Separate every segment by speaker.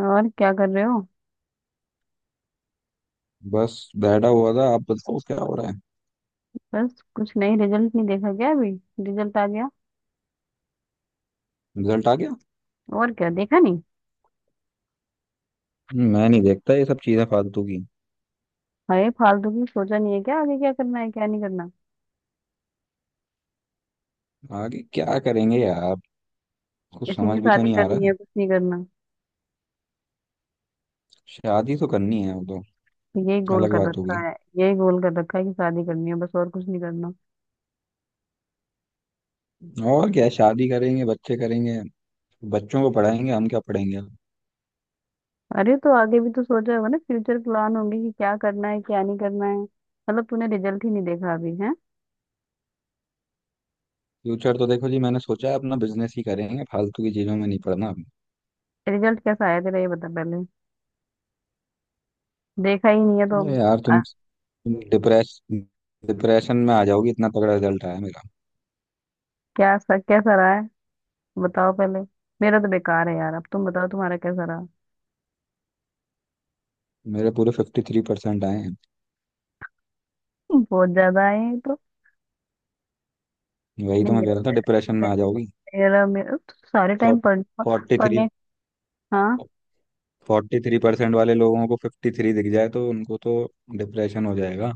Speaker 1: और क्या कर रहे हो।
Speaker 2: बस बैठा हुआ था। आप बताओ क्या हो रहा है।
Speaker 1: बस कुछ नहीं, रिजल्ट नहीं देखा क्या अभी? रिजल्ट आ गया
Speaker 2: रिजल्ट आ गया।
Speaker 1: और क्या, देखा नहीं?
Speaker 2: मैं नहीं देखता ये सब चीजें फालतू की।
Speaker 1: अरे फालतू की, सोचा नहीं है क्या आगे क्या करना है क्या नहीं करना?
Speaker 2: आगे क्या करेंगे यार। कुछ
Speaker 1: किसी
Speaker 2: समझ
Speaker 1: की
Speaker 2: भी तो
Speaker 1: शादी
Speaker 2: नहीं आ
Speaker 1: करनी
Speaker 2: रहा।
Speaker 1: है, कुछ नहीं करना?
Speaker 2: शादी तो करनी है वो तो
Speaker 1: तो यही गोल
Speaker 2: अलग
Speaker 1: कर
Speaker 2: बात
Speaker 1: रखा
Speaker 2: होगी।
Speaker 1: है, यही गोल कर रखा है कि शादी करनी है बस और कुछ नहीं करना।
Speaker 2: और क्या है, शादी करेंगे बच्चे करेंगे। बच्चों को पढ़ाएंगे हम क्या पढ़ेंगे।
Speaker 1: अरे तो आगे भी तो सोचा होगा ना, फ्यूचर प्लान होंगे कि क्या करना है क्या नहीं करना है, मतलब तूने रिजल्ट ही नहीं देखा अभी है?
Speaker 2: फ्यूचर तो देखो जी मैंने सोचा है अपना बिजनेस ही करेंगे फालतू की चीजों में नहीं पढ़ना।
Speaker 1: रिजल्ट कैसा आया तेरा, ये बता पहले। देखा ही नहीं है तो।
Speaker 2: अरे यार
Speaker 1: आ,
Speaker 2: तुम डिप्रेस डिप्रेशन में आ जाओगी इतना तगड़ा रिजल्ट आया मेरा।
Speaker 1: क्या कैसा रहा है, बताओ पहले। मेरा तो बेकार है यार, अब तुम बताओ तुम्हारा कैसा रहा।
Speaker 2: मेरे पूरे 53% आए हैं।
Speaker 1: बहुत ज्यादा आए हैं तो।
Speaker 2: वही
Speaker 1: नहीं
Speaker 2: तो मैं कह
Speaker 1: मेरे,
Speaker 2: रहा था डिप्रेशन
Speaker 1: मे-
Speaker 2: में आ जाओगी।
Speaker 1: मेरा मेरा तो सारे टाइम पढ़
Speaker 2: 43।
Speaker 1: पढ़ने हाँ।
Speaker 2: 43% वाले लोगों को 53 दिख जाए तो उनको तो डिप्रेशन हो जाएगा।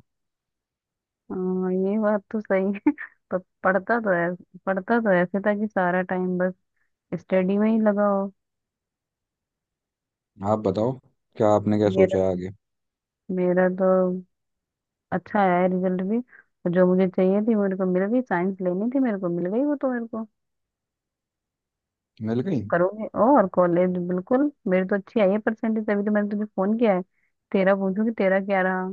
Speaker 1: हाँ, ये बात तो सही है। पर पढ़ता तो ऐसे, पढ़ता तो ऐसे था कि सारा टाइम बस स्टडी में ही लगा हो।
Speaker 2: आप बताओ क्या आपने क्या
Speaker 1: मेरा
Speaker 2: सोचा है आगे।
Speaker 1: मेरा तो अच्छा आया रिजल्ट भी, और जो मुझे चाहिए थी मेरे को मिल गई, साइंस लेनी थी मेरे को मिल गई, वो तो मेरे को
Speaker 2: मिल गई।
Speaker 1: करोगे और कॉलेज बिल्कुल, मेरी तो अच्छी आई है परसेंटेज, तभी तो मैंने तुझे फोन किया है तेरा पूछूं कि तेरा क्या रहा।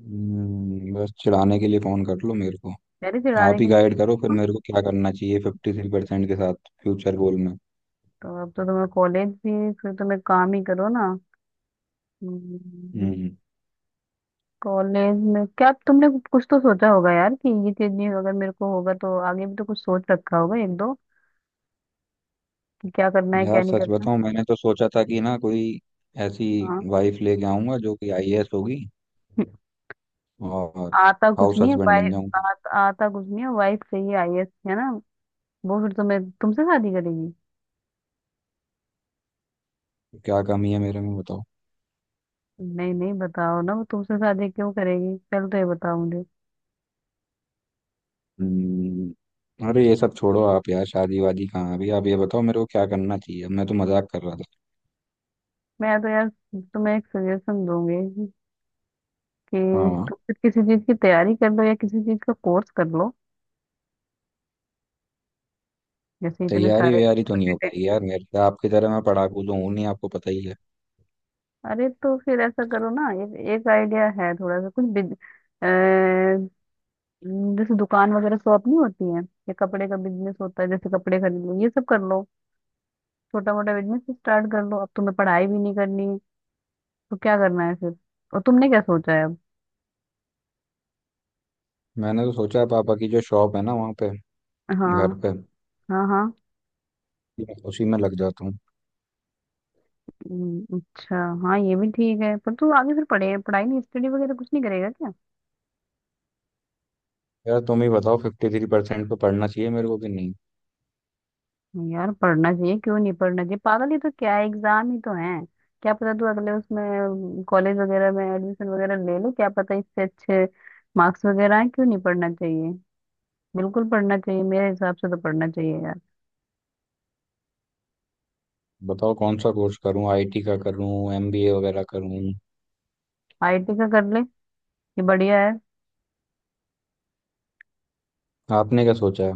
Speaker 2: बस चिढ़ाने के लिए फोन कर लो मेरे को।
Speaker 1: तेरे चिढ़ाने
Speaker 2: आप ही
Speaker 1: के लिए।
Speaker 2: गाइड करो फिर मेरे को क्या करना चाहिए 53% के साथ फ्यूचर गोल में।
Speaker 1: तो अब तो तुम्हें कॉलेज भी, फिर तुम्हें काम ही करो ना। हम्म।
Speaker 2: हम्म।
Speaker 1: कॉलेज में क्या तुमने कुछ तो सोचा होगा यार, कि ये चीज नहीं अगर मेरे को होगा तो आगे भी तो कुछ सोच रखा होगा एक दो, कि क्या करना है
Speaker 2: यार
Speaker 1: क्या नहीं
Speaker 2: सच
Speaker 1: करना।
Speaker 2: बताऊं मैंने तो सोचा था कि ना कोई ऐसी
Speaker 1: हाँ।
Speaker 2: वाइफ लेके आऊंगा जो कि आईएएस होगी और
Speaker 1: आता कुछ
Speaker 2: हाउस
Speaker 1: नहीं है
Speaker 2: हस्बैंड बन
Speaker 1: वाइफ,
Speaker 2: जाऊंगा।
Speaker 1: आता कुछ नहीं है, वाइफ चाहिए आईएएस, है ना? वो फिर तुम्हें तुमसे शादी करेगी?
Speaker 2: क्या कमी है मेरे में बताओ।
Speaker 1: नहीं नहीं, बताओ ना वो तुमसे शादी क्यों करेगी, पहले तो ये बताओ मुझे।
Speaker 2: हम्म, अरे ये सब छोड़ो आप यार शादी वादी कहाँ अभी आप ये बताओ मेरे को क्या करना चाहिए अब मैं तो मजाक कर रहा था।
Speaker 1: मैं तो यार तुम्हें एक सजेशन दूंगी कि
Speaker 2: हाँ।
Speaker 1: तुम फिर किसी चीज की तैयारी कर लो या किसी चीज का कोर्स कर लो, जैसे इतने
Speaker 2: तैयारी
Speaker 1: सारे।
Speaker 2: वैयारी तो नहीं हो
Speaker 1: potato-
Speaker 2: पाई यार मेरे से आपकी तरह मैं पढ़ाकू तो हूँ नहीं आपको पता ही है।
Speaker 1: अरे तो फिर ऐसा करो ना, एक एक आइडिया है थोड़ा सा, कुछ अ, जैसे दुकान वगैरह, शॉप नहीं होती है, या कपड़े का बिजनेस होता है, जैसे कपड़े खरीद लो ये सब कर लो, छोटा मोटा बिजनेस स्टार्ट कर लो। अब तुम्हें पढ़ाई भी नहीं करनी है तो क्या करना है फिर, और तुमने क्या सोचा है अब?
Speaker 2: मैंने तो सोचा पापा की जो शॉप है ना वहाँ पे
Speaker 1: हाँ।
Speaker 2: घर पे
Speaker 1: हाँ हाँ।
Speaker 2: मैं उसी में लग जाता हूँ।
Speaker 1: अच्छा। हाँ ये भी ठीक है, पर तू आगे फिर पढ़े पढ़ाई नहीं, स्टडी वगैरह कुछ नहीं करेगा क्या?
Speaker 2: यार तुम ही बताओ 53% पे पढ़ना चाहिए मेरे को कि नहीं।
Speaker 1: नहीं यार पढ़ना चाहिए, क्यों नहीं पढ़ना चाहिए पागल, ये तो क्या है, एग्जाम ही तो है। क्या पता तू अगले उसमें कॉलेज वगैरह में एडमिशन वगैरह ले ले, क्या पता इससे अच्छे मार्क्स वगैरह आए, क्यों नहीं पढ़ना चाहिए, बिल्कुल पढ़ना चाहिए, मेरे हिसाब से तो पढ़ना चाहिए यार।
Speaker 2: बताओ कौन सा कोर्स करूँ आईटी का करूँ एमबीए वगैरह करूँ।
Speaker 1: आईटी का कर ले, ये बढ़िया है।
Speaker 2: आपने क्या सोचा है।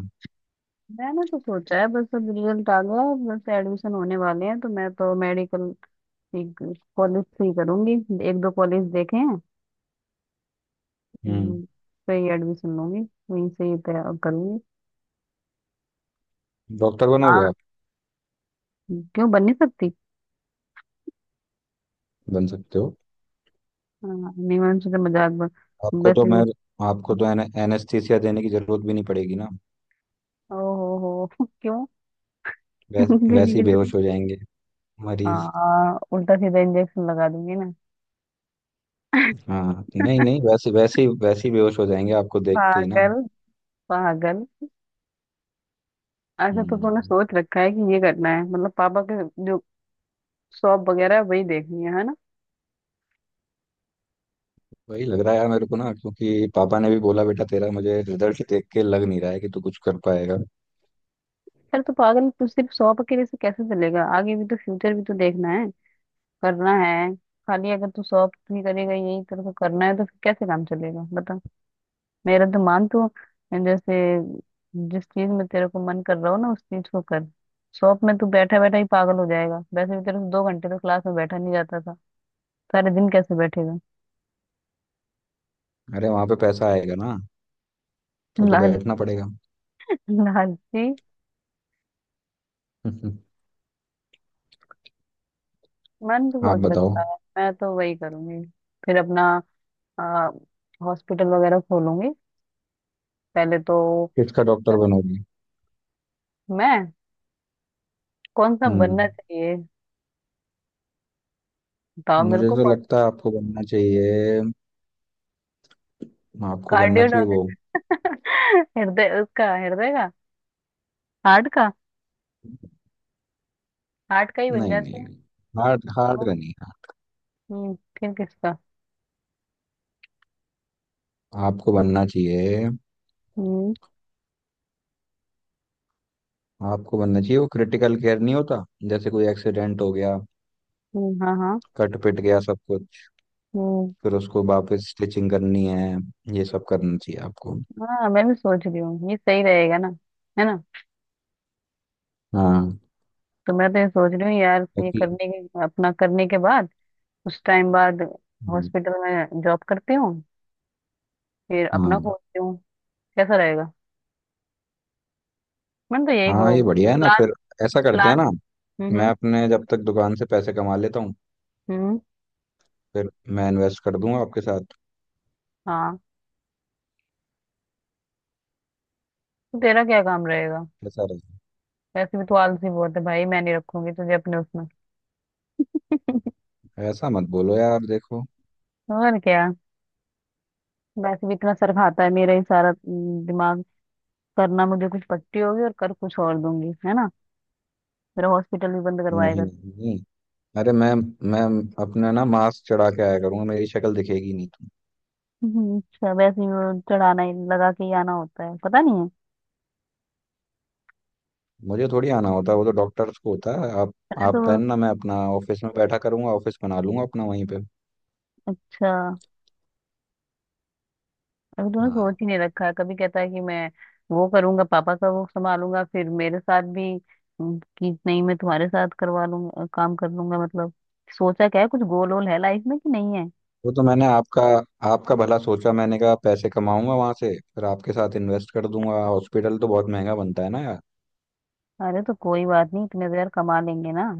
Speaker 1: मैंने तो सोचा है, बस अब रिजल्ट आ गया है, बस एडमिशन होने वाले हैं, तो मैं तो मेडिकल कॉलेज से ही करूंगी। एक दो कॉलेज देखे हैं।
Speaker 2: हम्म।
Speaker 1: हम्म, सही एडमिशन लूंगी, वहीं से ही तय करूंगी।
Speaker 2: डॉक्टर बनोगे
Speaker 1: हाँ।
Speaker 2: आप।
Speaker 1: क्यों बन नहीं सकती?
Speaker 2: बन सकते हो।
Speaker 1: हाँ, नहीं मैंने सोचा मजाक बन
Speaker 2: आपको तो
Speaker 1: वैसे
Speaker 2: मैं
Speaker 1: भी।
Speaker 2: आपको तो एनेस्थीसिया देने की जरूरत भी नहीं पड़ेगी ना।
Speaker 1: ओ हो हो। क्यों?
Speaker 2: वैस,
Speaker 1: क्यों देने
Speaker 2: वैसे
Speaker 1: की
Speaker 2: ही
Speaker 1: जरूरत?
Speaker 2: बेहोश हो जाएंगे मरीज।
Speaker 1: हाँ उल्टा सीधा इंजेक्शन लगा दूंगी ना।
Speaker 2: हाँ नहीं नहीं वैसे वैसे ही बेहोश हो जाएंगे आपको देखते ही ना।
Speaker 1: पागल। पागल। अच्छा तो तूने
Speaker 2: हम्म,
Speaker 1: सोच रखा है कि ये करना है, मतलब पापा के जो शॉप वगैरह है वही देखनी है ना?
Speaker 2: वही लग रहा है यार मेरे को ना क्योंकि पापा ने भी बोला बेटा तेरा मुझे रिजल्ट देख के लग नहीं रहा है कि तू कुछ कर पाएगा।
Speaker 1: अरे तो पागल तू सिर्फ शॉप अकेले से कैसे चलेगा, आगे भी तो फ्यूचर भी तो देखना है, करना है, खाली अगर तू शॉप ही करेगा, यही तेरे को करना है तो फिर कैसे काम चलेगा बता। मेरा तो मान तू, जैसे, जिस चीज में तेरे को मन कर रहा हो ना उस चीज को कर। शॉप में तू बैठा बैठा ही पागल हो जाएगा, वैसे भी तेरे को दो घंटे तो क्लास में बैठा नहीं जाता था, सारे दिन कैसे बैठेगा?
Speaker 2: अरे वहां पे पैसा आएगा ना तो
Speaker 1: लाल,
Speaker 2: बैठना पड़ेगा।
Speaker 1: लालची। मन तो
Speaker 2: आप
Speaker 1: सोच
Speaker 2: बताओ।
Speaker 1: रखता है मैं तो वही करूंगी, फिर अपना हॉस्पिटल वगैरह खोलूंगी पहले तो।
Speaker 2: किसका डॉक्टर बनोगी।
Speaker 1: मैं कौन सा बनना
Speaker 2: हम्म।
Speaker 1: चाहिए? बताओ मेरे
Speaker 2: मुझे
Speaker 1: को
Speaker 2: तो
Speaker 1: कौन।
Speaker 2: लगता है आपको बनना चाहिए। आपको बनना
Speaker 1: कार्डियो,
Speaker 2: चाहिए वो।
Speaker 1: हृदय, उसका हृदय का, हार्ट का, हार्ट का ही बन
Speaker 2: नहीं नहीं
Speaker 1: जाते हैं।
Speaker 2: नहीं। हार्ड हार्ड
Speaker 1: ओ,
Speaker 2: का नहीं है।
Speaker 1: फिर किसका?
Speaker 2: आपको बनना चाहिए।
Speaker 1: हम्म।
Speaker 2: आपको बनना चाहिए वो क्रिटिकल केयर नहीं होता जैसे कोई एक्सीडेंट हो गया
Speaker 1: हाँ हाँ।
Speaker 2: कट पिट गया सब कुछ।
Speaker 1: हम्म।
Speaker 2: फिर उसको वापस स्टिचिंग करनी है। ये सब करना चाहिए आपको।
Speaker 1: हाँ मैं भी सोच रही हूँ ये सही रहेगा ना, है ना।
Speaker 2: हाँ।
Speaker 1: तो मैं तो ये सोच रही हूँ यार, ये
Speaker 2: क्योंकि
Speaker 1: करने के, अपना करने के बाद, कुछ टाइम बाद
Speaker 2: हम्म,
Speaker 1: हॉस्पिटल में जॉब करती हूँ, फिर अपना
Speaker 2: हाँ
Speaker 1: खोलती हूँ। कैसा रहेगा? मैंने तो यही गो
Speaker 2: हाँ। ये बढ़िया है ना
Speaker 1: प्लान,
Speaker 2: फिर ऐसा करते
Speaker 1: प्लान।
Speaker 2: हैं ना। मैं
Speaker 1: हम्म।
Speaker 2: अपने जब तक दुकान से पैसे कमा लेता हूँ
Speaker 1: हम्म,
Speaker 2: फिर मैं इन्वेस्ट कर दूंगा आपके साथ।
Speaker 1: हाँ। तो तेरा क्या काम रहेगा?
Speaker 2: कैसा रहेगा।
Speaker 1: वैसे भी तू आलसी बहुत है भाई, मैं नहीं रखूंगी तुझे अपने उसमें।
Speaker 2: ऐसा मत बोलो यार देखो।
Speaker 1: और क्या, वैसे भी इतना सर खाता है मेरा ही सारा, दिमाग करना मुझे, कुछ पट्टी होगी और कर कुछ और दूंगी, है ना? मेरा हॉस्पिटल भी बंद
Speaker 2: नहीं
Speaker 1: करवाएगा।
Speaker 2: नहीं अरे मैं अपना ना मास्क चढ़ा के आया करूंगा मेरी शक्ल दिखेगी नहीं तुम्हें।
Speaker 1: अच्छा वैसे ही वो चढ़ाना ही लगा के ही आना होता है, पता नहीं है।
Speaker 2: मुझे थोड़ी आना होता है वो तो डॉक्टर्स को होता है। आप
Speaker 1: अरे तो
Speaker 2: आप पहनना मैं अपना ऑफिस में बैठा करूंगा ऑफिस बना लूंगा अपना वहीं पे।
Speaker 1: अच्छा अभी तूने सोच
Speaker 2: हाँ
Speaker 1: ही नहीं रखा है, कभी कहता है कि मैं वो करूंगा पापा का वो संभालूंगा, फिर मेरे साथ भी कि नहीं मैं तुम्हारे साथ करवा लूंगा काम कर लूंगा, मतलब सोचा क्या है, कुछ गोल वोल है लाइफ में कि नहीं है?
Speaker 2: वो तो मैंने आपका आपका भला सोचा मैंने कहा पैसे कमाऊंगा वहां से फिर आपके साथ इन्वेस्ट कर दूंगा हॉस्पिटल तो बहुत महंगा बनता है ना यार।
Speaker 1: अरे तो कोई बात नहीं, इतने देर कमा लेंगे ना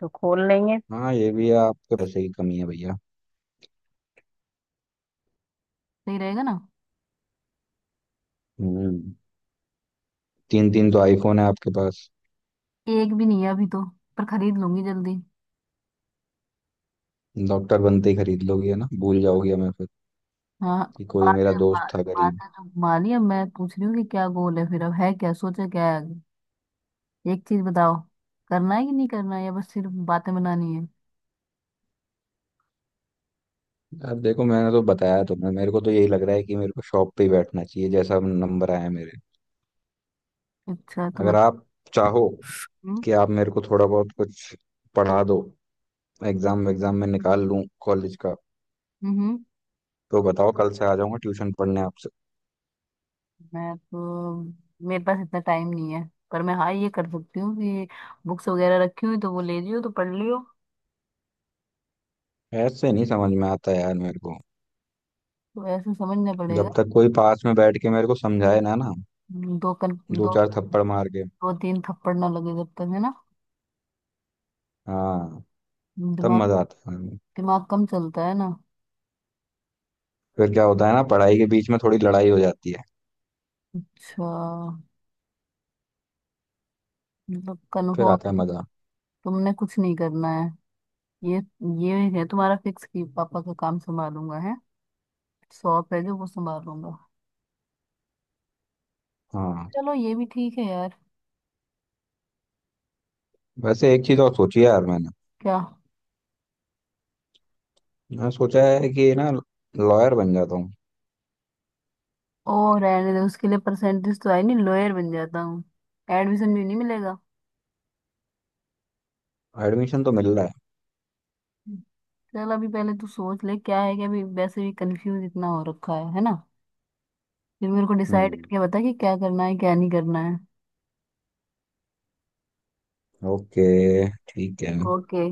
Speaker 1: तो खोल लेंगे।
Speaker 2: हाँ ये भी है आपके पैसे की कमी है भैया।
Speaker 1: सही रहेगा ना।
Speaker 2: हम्म। तीन तीन तो आईफोन है आपके पास।
Speaker 1: एक भी नहीं है अभी तो, पर खरीद लूंगी जल्दी।
Speaker 2: डॉक्टर बनते ही खरीद लोगे ना भूल जाओगे हमें फिर
Speaker 1: हाँ।
Speaker 2: कि कोई
Speaker 1: बात
Speaker 2: मेरा
Speaker 1: है बा,
Speaker 2: दोस्त था
Speaker 1: बात
Speaker 2: गरीब।
Speaker 1: है तो माली, अब मैं पूछ रही हूँ कि क्या गोल है फिर, अब है क्या, सोचा क्या है आगे? एक चीज बताओ, करना है कि नहीं करना है, या बस सिर्फ बातें बनानी है?
Speaker 2: अब देखो मैंने तो बताया तुम्हें मेरे को तो यही लग रहा है कि मेरे को शॉप पे ही बैठना चाहिए जैसा नंबर आया मेरे।
Speaker 1: अच्छा तो
Speaker 2: अगर
Speaker 1: बत
Speaker 2: आप चाहो
Speaker 1: हम्म।
Speaker 2: कि आप मेरे को थोड़ा बहुत कुछ पढ़ा दो एग्जाम एग्जाम में निकाल लूं कॉलेज का
Speaker 1: हम्म,
Speaker 2: तो बताओ कल से आ जाऊंगा ट्यूशन पढ़ने आपसे।
Speaker 1: मैं तो, मेरे पास इतना टाइम नहीं है, पर मैं हाँ ये कर सकती हूँ कि बुक्स वगैरह रखी हुई तो वो ले लियो, तो पढ़ लियो।
Speaker 2: ऐसे नहीं समझ में आता यार मेरे को।
Speaker 1: तो ऐसे समझना पड़ेगा।
Speaker 2: जब तक कोई पास में बैठ के मेरे को समझाए ना ना
Speaker 1: दो कन
Speaker 2: दो
Speaker 1: दो
Speaker 2: चार थप्पड़ मार के
Speaker 1: दो तीन थप्पड़ ना लगे जब तक, है ना?
Speaker 2: हाँ तब
Speaker 1: दिमाग।
Speaker 2: मजा आता है।
Speaker 1: दिमाग कम चलता है ना।
Speaker 2: फिर क्या होता है ना पढ़ाई के बीच में थोड़ी लड़ाई हो जाती है
Speaker 1: अच्छा, मतलब
Speaker 2: फिर आता है
Speaker 1: कन्फर्म है,
Speaker 2: मजा।
Speaker 1: तुमने कुछ नहीं करना है, ये ये है तुम्हारा फिक्स कि पापा का काम संभालूंगा, है शॉप है जो वो संभालूंगा।
Speaker 2: हाँ।
Speaker 1: चलो ये भी ठीक है यार।
Speaker 2: वैसे एक चीज और सोची है यार मैंने।
Speaker 1: क्या?
Speaker 2: मैं सोचा है कि ना लॉयर बन जाता हूँ।
Speaker 1: ओ रहने दे, उसके लिए परसेंटेज तो आई नहीं लॉयर बन जाता हूँ, एडमिशन भी नहीं मिलेगा।
Speaker 2: एडमिशन तो मिल रहा है।
Speaker 1: चल अभी पहले तू सोच ले क्या है क्या, अभी वैसे भी कंफ्यूज इतना हो रखा है ना? फिर मेरे को डिसाइड
Speaker 2: हम्म।
Speaker 1: करके बता कि क्या करना है क्या नहीं करना है।
Speaker 2: ओके। ठीक है।
Speaker 1: ओके।